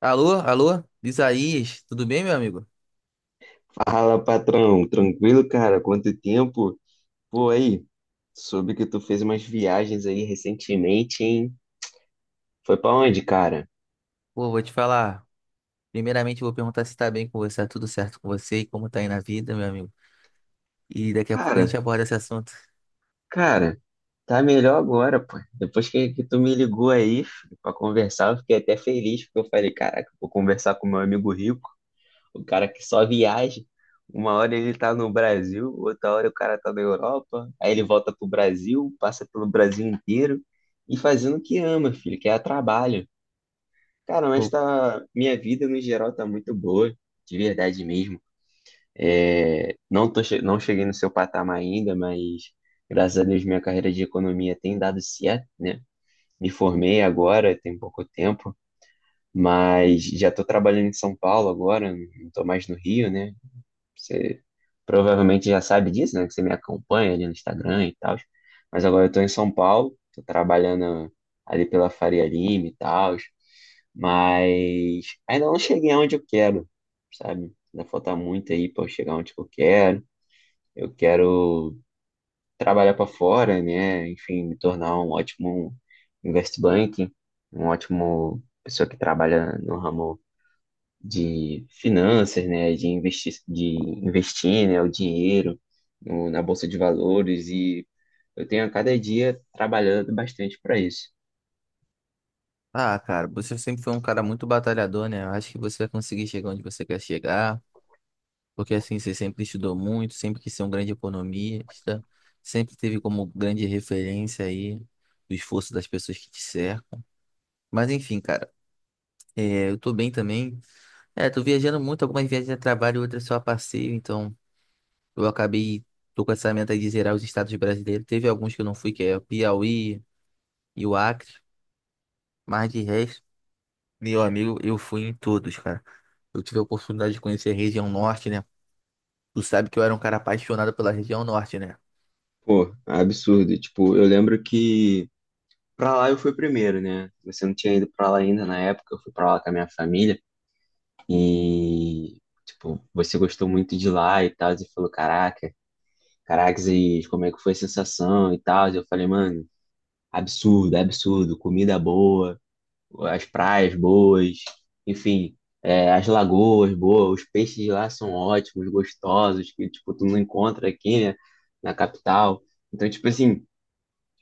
Alô, alô, Isaías, tudo bem, meu amigo? Fala, patrão. Tranquilo, cara? Quanto tempo? Pô, aí, soube que tu fez umas viagens aí recentemente, hein? Foi pra onde, cara? Pô, vou te falar. Primeiramente, eu vou perguntar se tá bem com você, tá tudo certo com você e como tá aí na vida, meu amigo. E daqui a pouco a gente Cara, aborda esse assunto. cara, tá melhor agora, pô. Depois que tu me ligou aí filho, pra conversar, eu fiquei até feliz, porque eu falei, caraca, vou conversar com meu amigo rico, o cara que só viaja. Uma hora ele tá no Brasil, outra hora o cara tá na Europa, aí ele volta pro Brasil, passa pelo Brasil inteiro e fazendo o que ama, filho, que é trabalho. Cara, mas Pô, tá, minha vida no geral tá muito boa, de verdade mesmo. É, não cheguei no seu patamar ainda, mas graças a Deus minha carreira de economia tem dado certo, né? Me formei agora, tem pouco tempo, mas já tô trabalhando em São Paulo agora, não tô mais no Rio, né? Você provavelmente já sabe disso, né? Que você me acompanha ali no Instagram e tal. Mas agora eu tô em São Paulo, tô trabalhando ali pela Faria Lima e tal. Mas ainda não cheguei aonde eu quero, sabe? Ainda falta muito aí para eu chegar onde eu quero. Eu quero trabalhar para fora, né? Enfim, me tornar um ótimo investment banking, um ótimo pessoa que trabalha no ramo de finanças, né, de investir, né, o dinheiro na bolsa de valores e eu tenho a cada dia trabalhando bastante para isso. ah, cara, você sempre foi um cara muito batalhador, né? Eu acho que você vai conseguir chegar onde você quer chegar, porque assim, você sempre estudou muito, sempre quis ser um grande economista, sempre teve como grande referência aí o esforço das pessoas que te cercam. Mas enfim, cara, eu tô bem também. É, tô viajando muito, algumas viagens a trabalho, outras só a passeio, então eu acabei, tô com essa meta aí de zerar os estados brasileiros. Teve alguns que eu não fui, que é o Piauí e o Acre, mas de resto, meu amigo, eu fui em todos, cara. Eu tive a oportunidade de conhecer a região norte, né? Tu sabe que eu era um cara apaixonado pela região norte, né? Pô, absurdo. Tipo, eu lembro que pra lá eu fui primeiro, né? Você não tinha ido pra lá ainda na época, eu fui pra lá com a minha família e tipo, você gostou muito de lá e tal, e falou, caraca, caracas, e como é que foi a sensação e tal? E eu falei, mano, absurdo, absurdo, comida boa, as praias boas, enfim, é, as lagoas boas, os peixes lá são ótimos, gostosos, que tipo tu não encontra aqui, né, na capital. Então, tipo assim,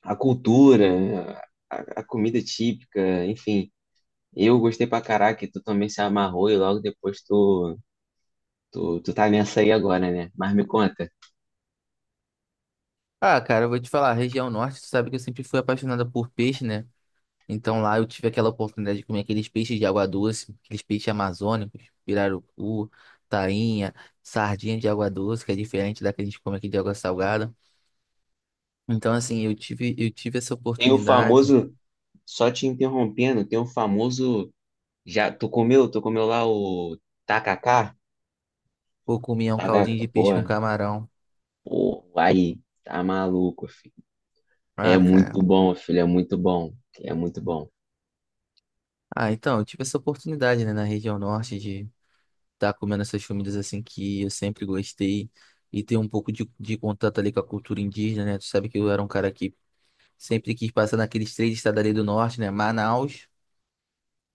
a cultura, a, a comida típica, enfim, eu gostei pra caraca, e tu também se amarrou e logo depois tu tá nessa aí agora, né? Mas me conta, Ah, cara, eu vou te falar, a região norte, tu sabe que eu sempre fui apaixonado por peixe, né? Então lá eu tive aquela oportunidade de comer aqueles peixes de água doce, aqueles peixes amazônicos, pirarucu, tainha, sardinha de água doce, que é diferente da que a gente come aqui de água salgada. Então assim, eu tive essa tem o oportunidade, famoso, só te interrompendo, tem o famoso, já tu comeu lá o tacacá? ou comia um caldinho Tacacá, de pô, peixe com camarão. pô, aí, tá maluco, filho. É Ah, muito cara. bom, filho, é muito bom. É muito bom. Ah, então, eu tive essa oportunidade, né, na região norte de estar comendo essas comidas assim que eu sempre gostei e ter um pouco de contato ali com a cultura indígena, né? Tu sabe que eu era um cara que sempre quis passar naqueles três estados ali do norte, né? Manaus,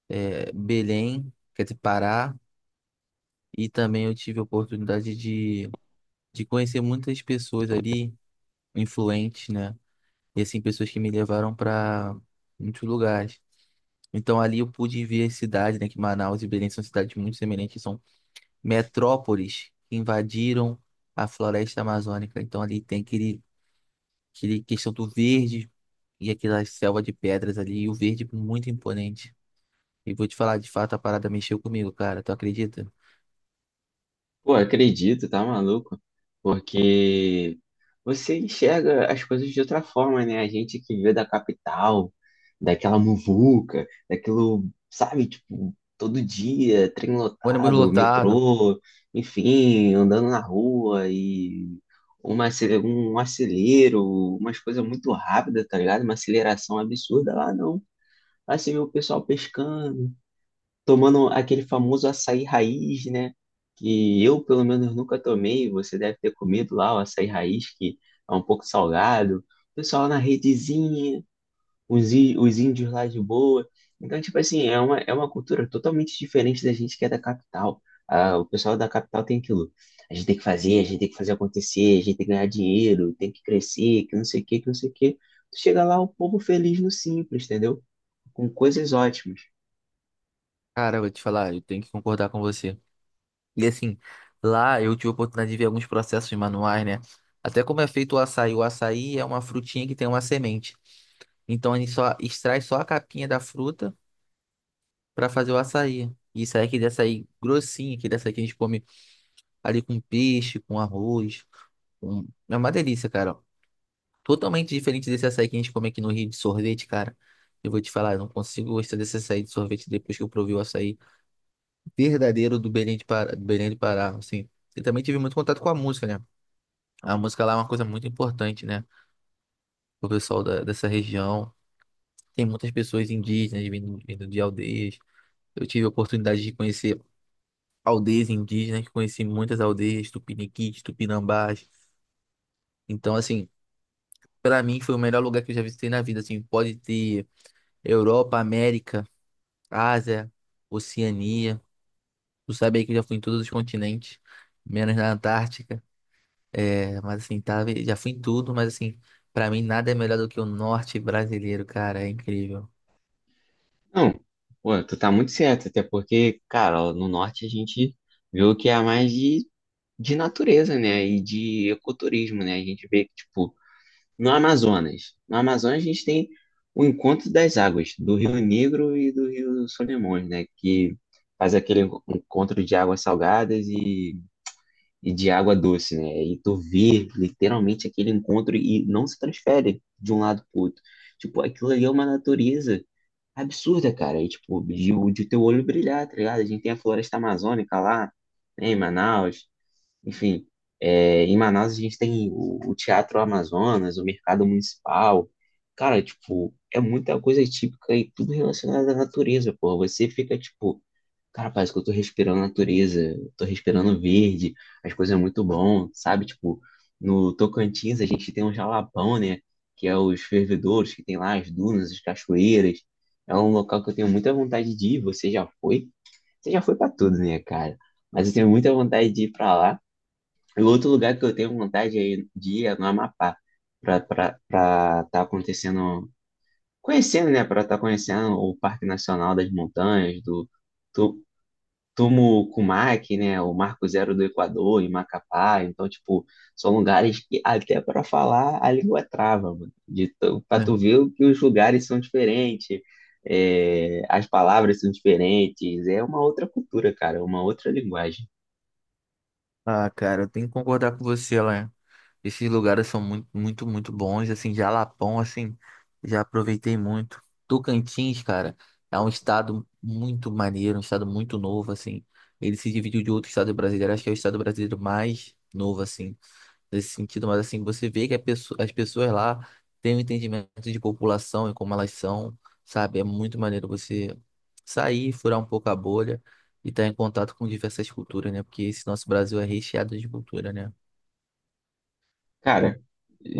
Belém, quer dizer, Pará, e também eu tive a oportunidade de conhecer muitas pessoas ali, influentes, né? E assim, pessoas que me levaram para muitos lugares. Então ali eu pude ver as cidades, né? Que Manaus e Belém são cidades muito semelhantes, são metrópoles que invadiram a floresta amazônica. Então ali tem aquele questão do verde e aquela selva de pedras ali, e o verde muito imponente. E vou te falar, de fato, a parada mexeu comigo, cara. Tu acredita? Pô, acredito, tá maluco? Porque você enxerga as coisas de outra forma, né? A gente que vê da capital, daquela muvuca, daquilo, sabe, tipo, todo dia, trem Ônibus lotado, lotado. metrô, enfim, andando na rua e um acelero, umas coisas muito rápidas, tá ligado? Uma aceleração absurda lá, não. Aí você vê o pessoal pescando, tomando aquele famoso açaí raiz, né? Que eu, pelo menos, nunca tomei. Você deve ter comido lá o açaí raiz, que é um pouco salgado. O pessoal lá na redezinha, os índios lá de boa. Então, tipo assim, é uma cultura totalmente diferente da gente que é da capital. Ah, o pessoal da capital tem aquilo. A gente tem que fazer, a gente tem que fazer acontecer, a gente tem que ganhar dinheiro, tem que crescer, que não sei o quê, que não sei o quê. Tu chega lá, o povo feliz no simples, entendeu? Com coisas ótimas. Cara, eu vou te falar, eu tenho que concordar com você. E assim, lá eu tive a oportunidade de ver alguns processos manuais, né? Até como é feito o açaí. O açaí é uma frutinha que tem uma semente. Então a gente só extrai só a capinha da fruta para fazer o açaí. E isso aí é aquele açaí grossinho, aquele açaí que a gente come ali com peixe, com arroz. É uma delícia, cara. Totalmente diferente desse açaí que a gente come aqui no Rio de sorvete, cara. Eu vou te falar, eu não consigo gostar desse açaí de sorvete depois que eu provei o açaí verdadeiro do Belém do Pará, assim. E também tive muito contato com a música, né? A música lá é uma coisa muito importante, né? O dessa região. Tem muitas pessoas indígenas vindo de aldeias. Eu tive a oportunidade de conhecer aldeias indígenas, conheci muitas aldeias, tupiniquis, tupinambás. Então, assim, pra mim foi o melhor lugar que eu já visitei na vida, assim. Pode ter Europa, América, Ásia, Oceania. Tu sabe aí que eu já fui em todos os continentes, menos na Antártica. É, mas assim, tá, já fui em tudo, mas assim, pra mim nada é melhor do que o norte brasileiro, cara, é incrível. Não, pô, tu tá muito certo, até porque, cara, ó, no norte a gente vê o que é mais de natureza, né? E de ecoturismo, né? A gente vê que, tipo, no Amazonas. No Amazonas a gente tem o encontro das águas, do Rio Negro e do Rio Solimões, né? Que faz aquele encontro de águas salgadas e de água doce, né? E tu vê literalmente aquele encontro e não se transfere de um lado pro outro. Tipo, aquilo ali é uma natureza absurda, cara. E, tipo, de teu olho brilhar, tá ligado? A gente tem a floresta amazônica lá, né, em Manaus. Enfim, é, em Manaus a gente tem o Teatro Amazonas, o Mercado Municipal. Cara, tipo, é muita coisa típica e tudo relacionado à natureza, pô. Você fica, tipo, cara, parece que eu tô respirando natureza, eu tô respirando verde, as coisas é muito bom, sabe? Tipo, no Tocantins a gente tem um jalapão, né? Que é os fervedouros, que tem lá as dunas, as cachoeiras. É um local que eu tenho muita vontade de ir. Você já foi? Você já foi pra tudo, né, cara? Mas eu tenho muita vontade de ir pra lá. E outro lugar que eu tenho vontade de ir é no Amapá, pra tá acontecendo, conhecendo, né? Pra tá conhecendo o Parque Nacional das Montanhas, do Tumo Cumac, né? O Marco Zero do Equador, em Macapá. Então, tipo, são lugares que até para falar a língua trava, mano. Pra tu Né? ver o que os lugares são diferentes, é, as palavras são diferentes. É uma outra cultura, cara, é uma outra linguagem. Ah, cara, eu tenho que concordar com você, lá. Esses lugares são muito, muito, muito bons, assim. Jalapão, assim, já aproveitei muito. Tocantins, cara, é um estado muito maneiro, um estado muito novo, assim. Ele se dividiu de outro estado brasileiro, acho que é o estado brasileiro mais novo, assim, nesse sentido, mas assim, você vê que a as pessoas lá têm um entendimento de população e como elas são, sabe? É muito maneiro você sair, furar um pouco a bolha e estar em contato com diversas culturas, né? Porque esse nosso Brasil é recheado de cultura, né? Cara,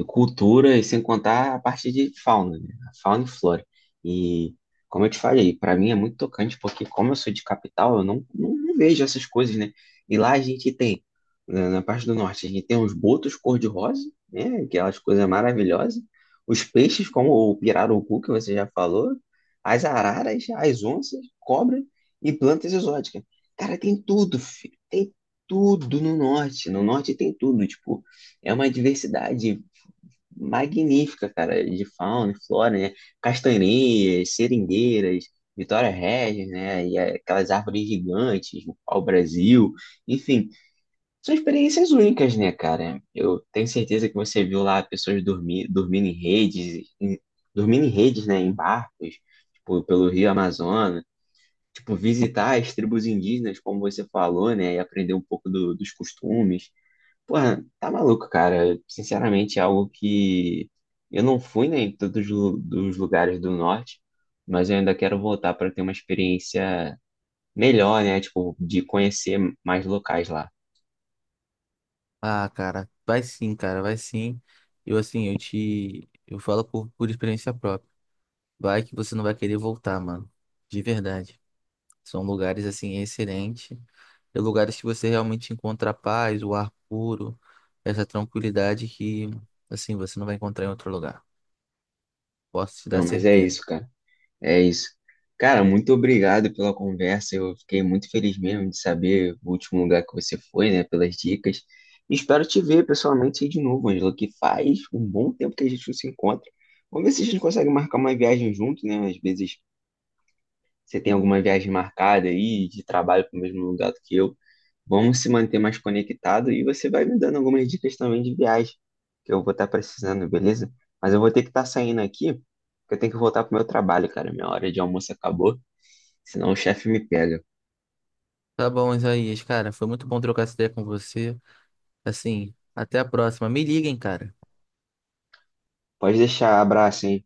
cultura, e sem contar a parte de fauna, né? A fauna e flora. E, como eu te falei, para mim é muito tocante, porque como eu sou de capital, eu não vejo essas coisas, né? E lá a gente tem, na parte do norte, a gente tem os botos cor-de-rosa, né? Aquelas coisas maravilhosas. Os peixes, como o pirarucu, que você já falou, as araras, as onças, cobra e plantas exóticas. Cara, tem tudo, filho. Tem tudo no norte. No norte tem tudo. Tipo, é uma diversidade magnífica, cara, de fauna e flora, né? Castanheiras, seringueiras, Vitória Regis, né? E aquelas árvores gigantes, o pau-brasil, enfim, são experiências únicas, né, cara? Eu tenho certeza que você viu lá pessoas dormindo em redes, em- dormindo em redes, né, em barcos, tipo, pelo Rio Amazonas. Tipo, visitar as tribos indígenas, como você falou, né? E aprender um pouco dos costumes. Pô, tá maluco, cara. Sinceramente, é algo que eu não fui, né, dos lugares do norte, mas eu ainda quero voltar para ter uma experiência melhor, né, tipo, de conhecer mais locais lá. Ah, cara, vai sim, cara, vai sim. Eu assim, eu falo por experiência própria. Vai que você não vai querer voltar, mano. De verdade. São lugares assim excelentes, é lugares que você realmente encontra a paz, o ar puro, essa tranquilidade que assim você não vai encontrar em outro lugar. Posso te dar Não, mas é isso, certeza. cara. É isso. Cara, muito obrigado pela conversa. Eu fiquei muito feliz mesmo de saber o último lugar que você foi, né, pelas dicas. E espero te ver pessoalmente aí de novo, Angela, que faz um bom tempo que a gente não se encontra. Vamos ver se a gente consegue marcar uma viagem junto, né? Às vezes você tem alguma viagem marcada aí de trabalho para o mesmo lugar do que eu? Vamos se manter mais conectado e você vai me dando algumas dicas também de viagem que eu vou estar precisando, beleza? Mas eu vou ter que estar saindo aqui, porque eu tenho que voltar pro meu trabalho, cara. Minha hora de almoço acabou, senão o chefe me pega. Tá bom, Isaías, cara, foi muito bom trocar essa ideia com você. Assim, até a próxima. Me liguem, cara. Pode deixar, abraço, hein?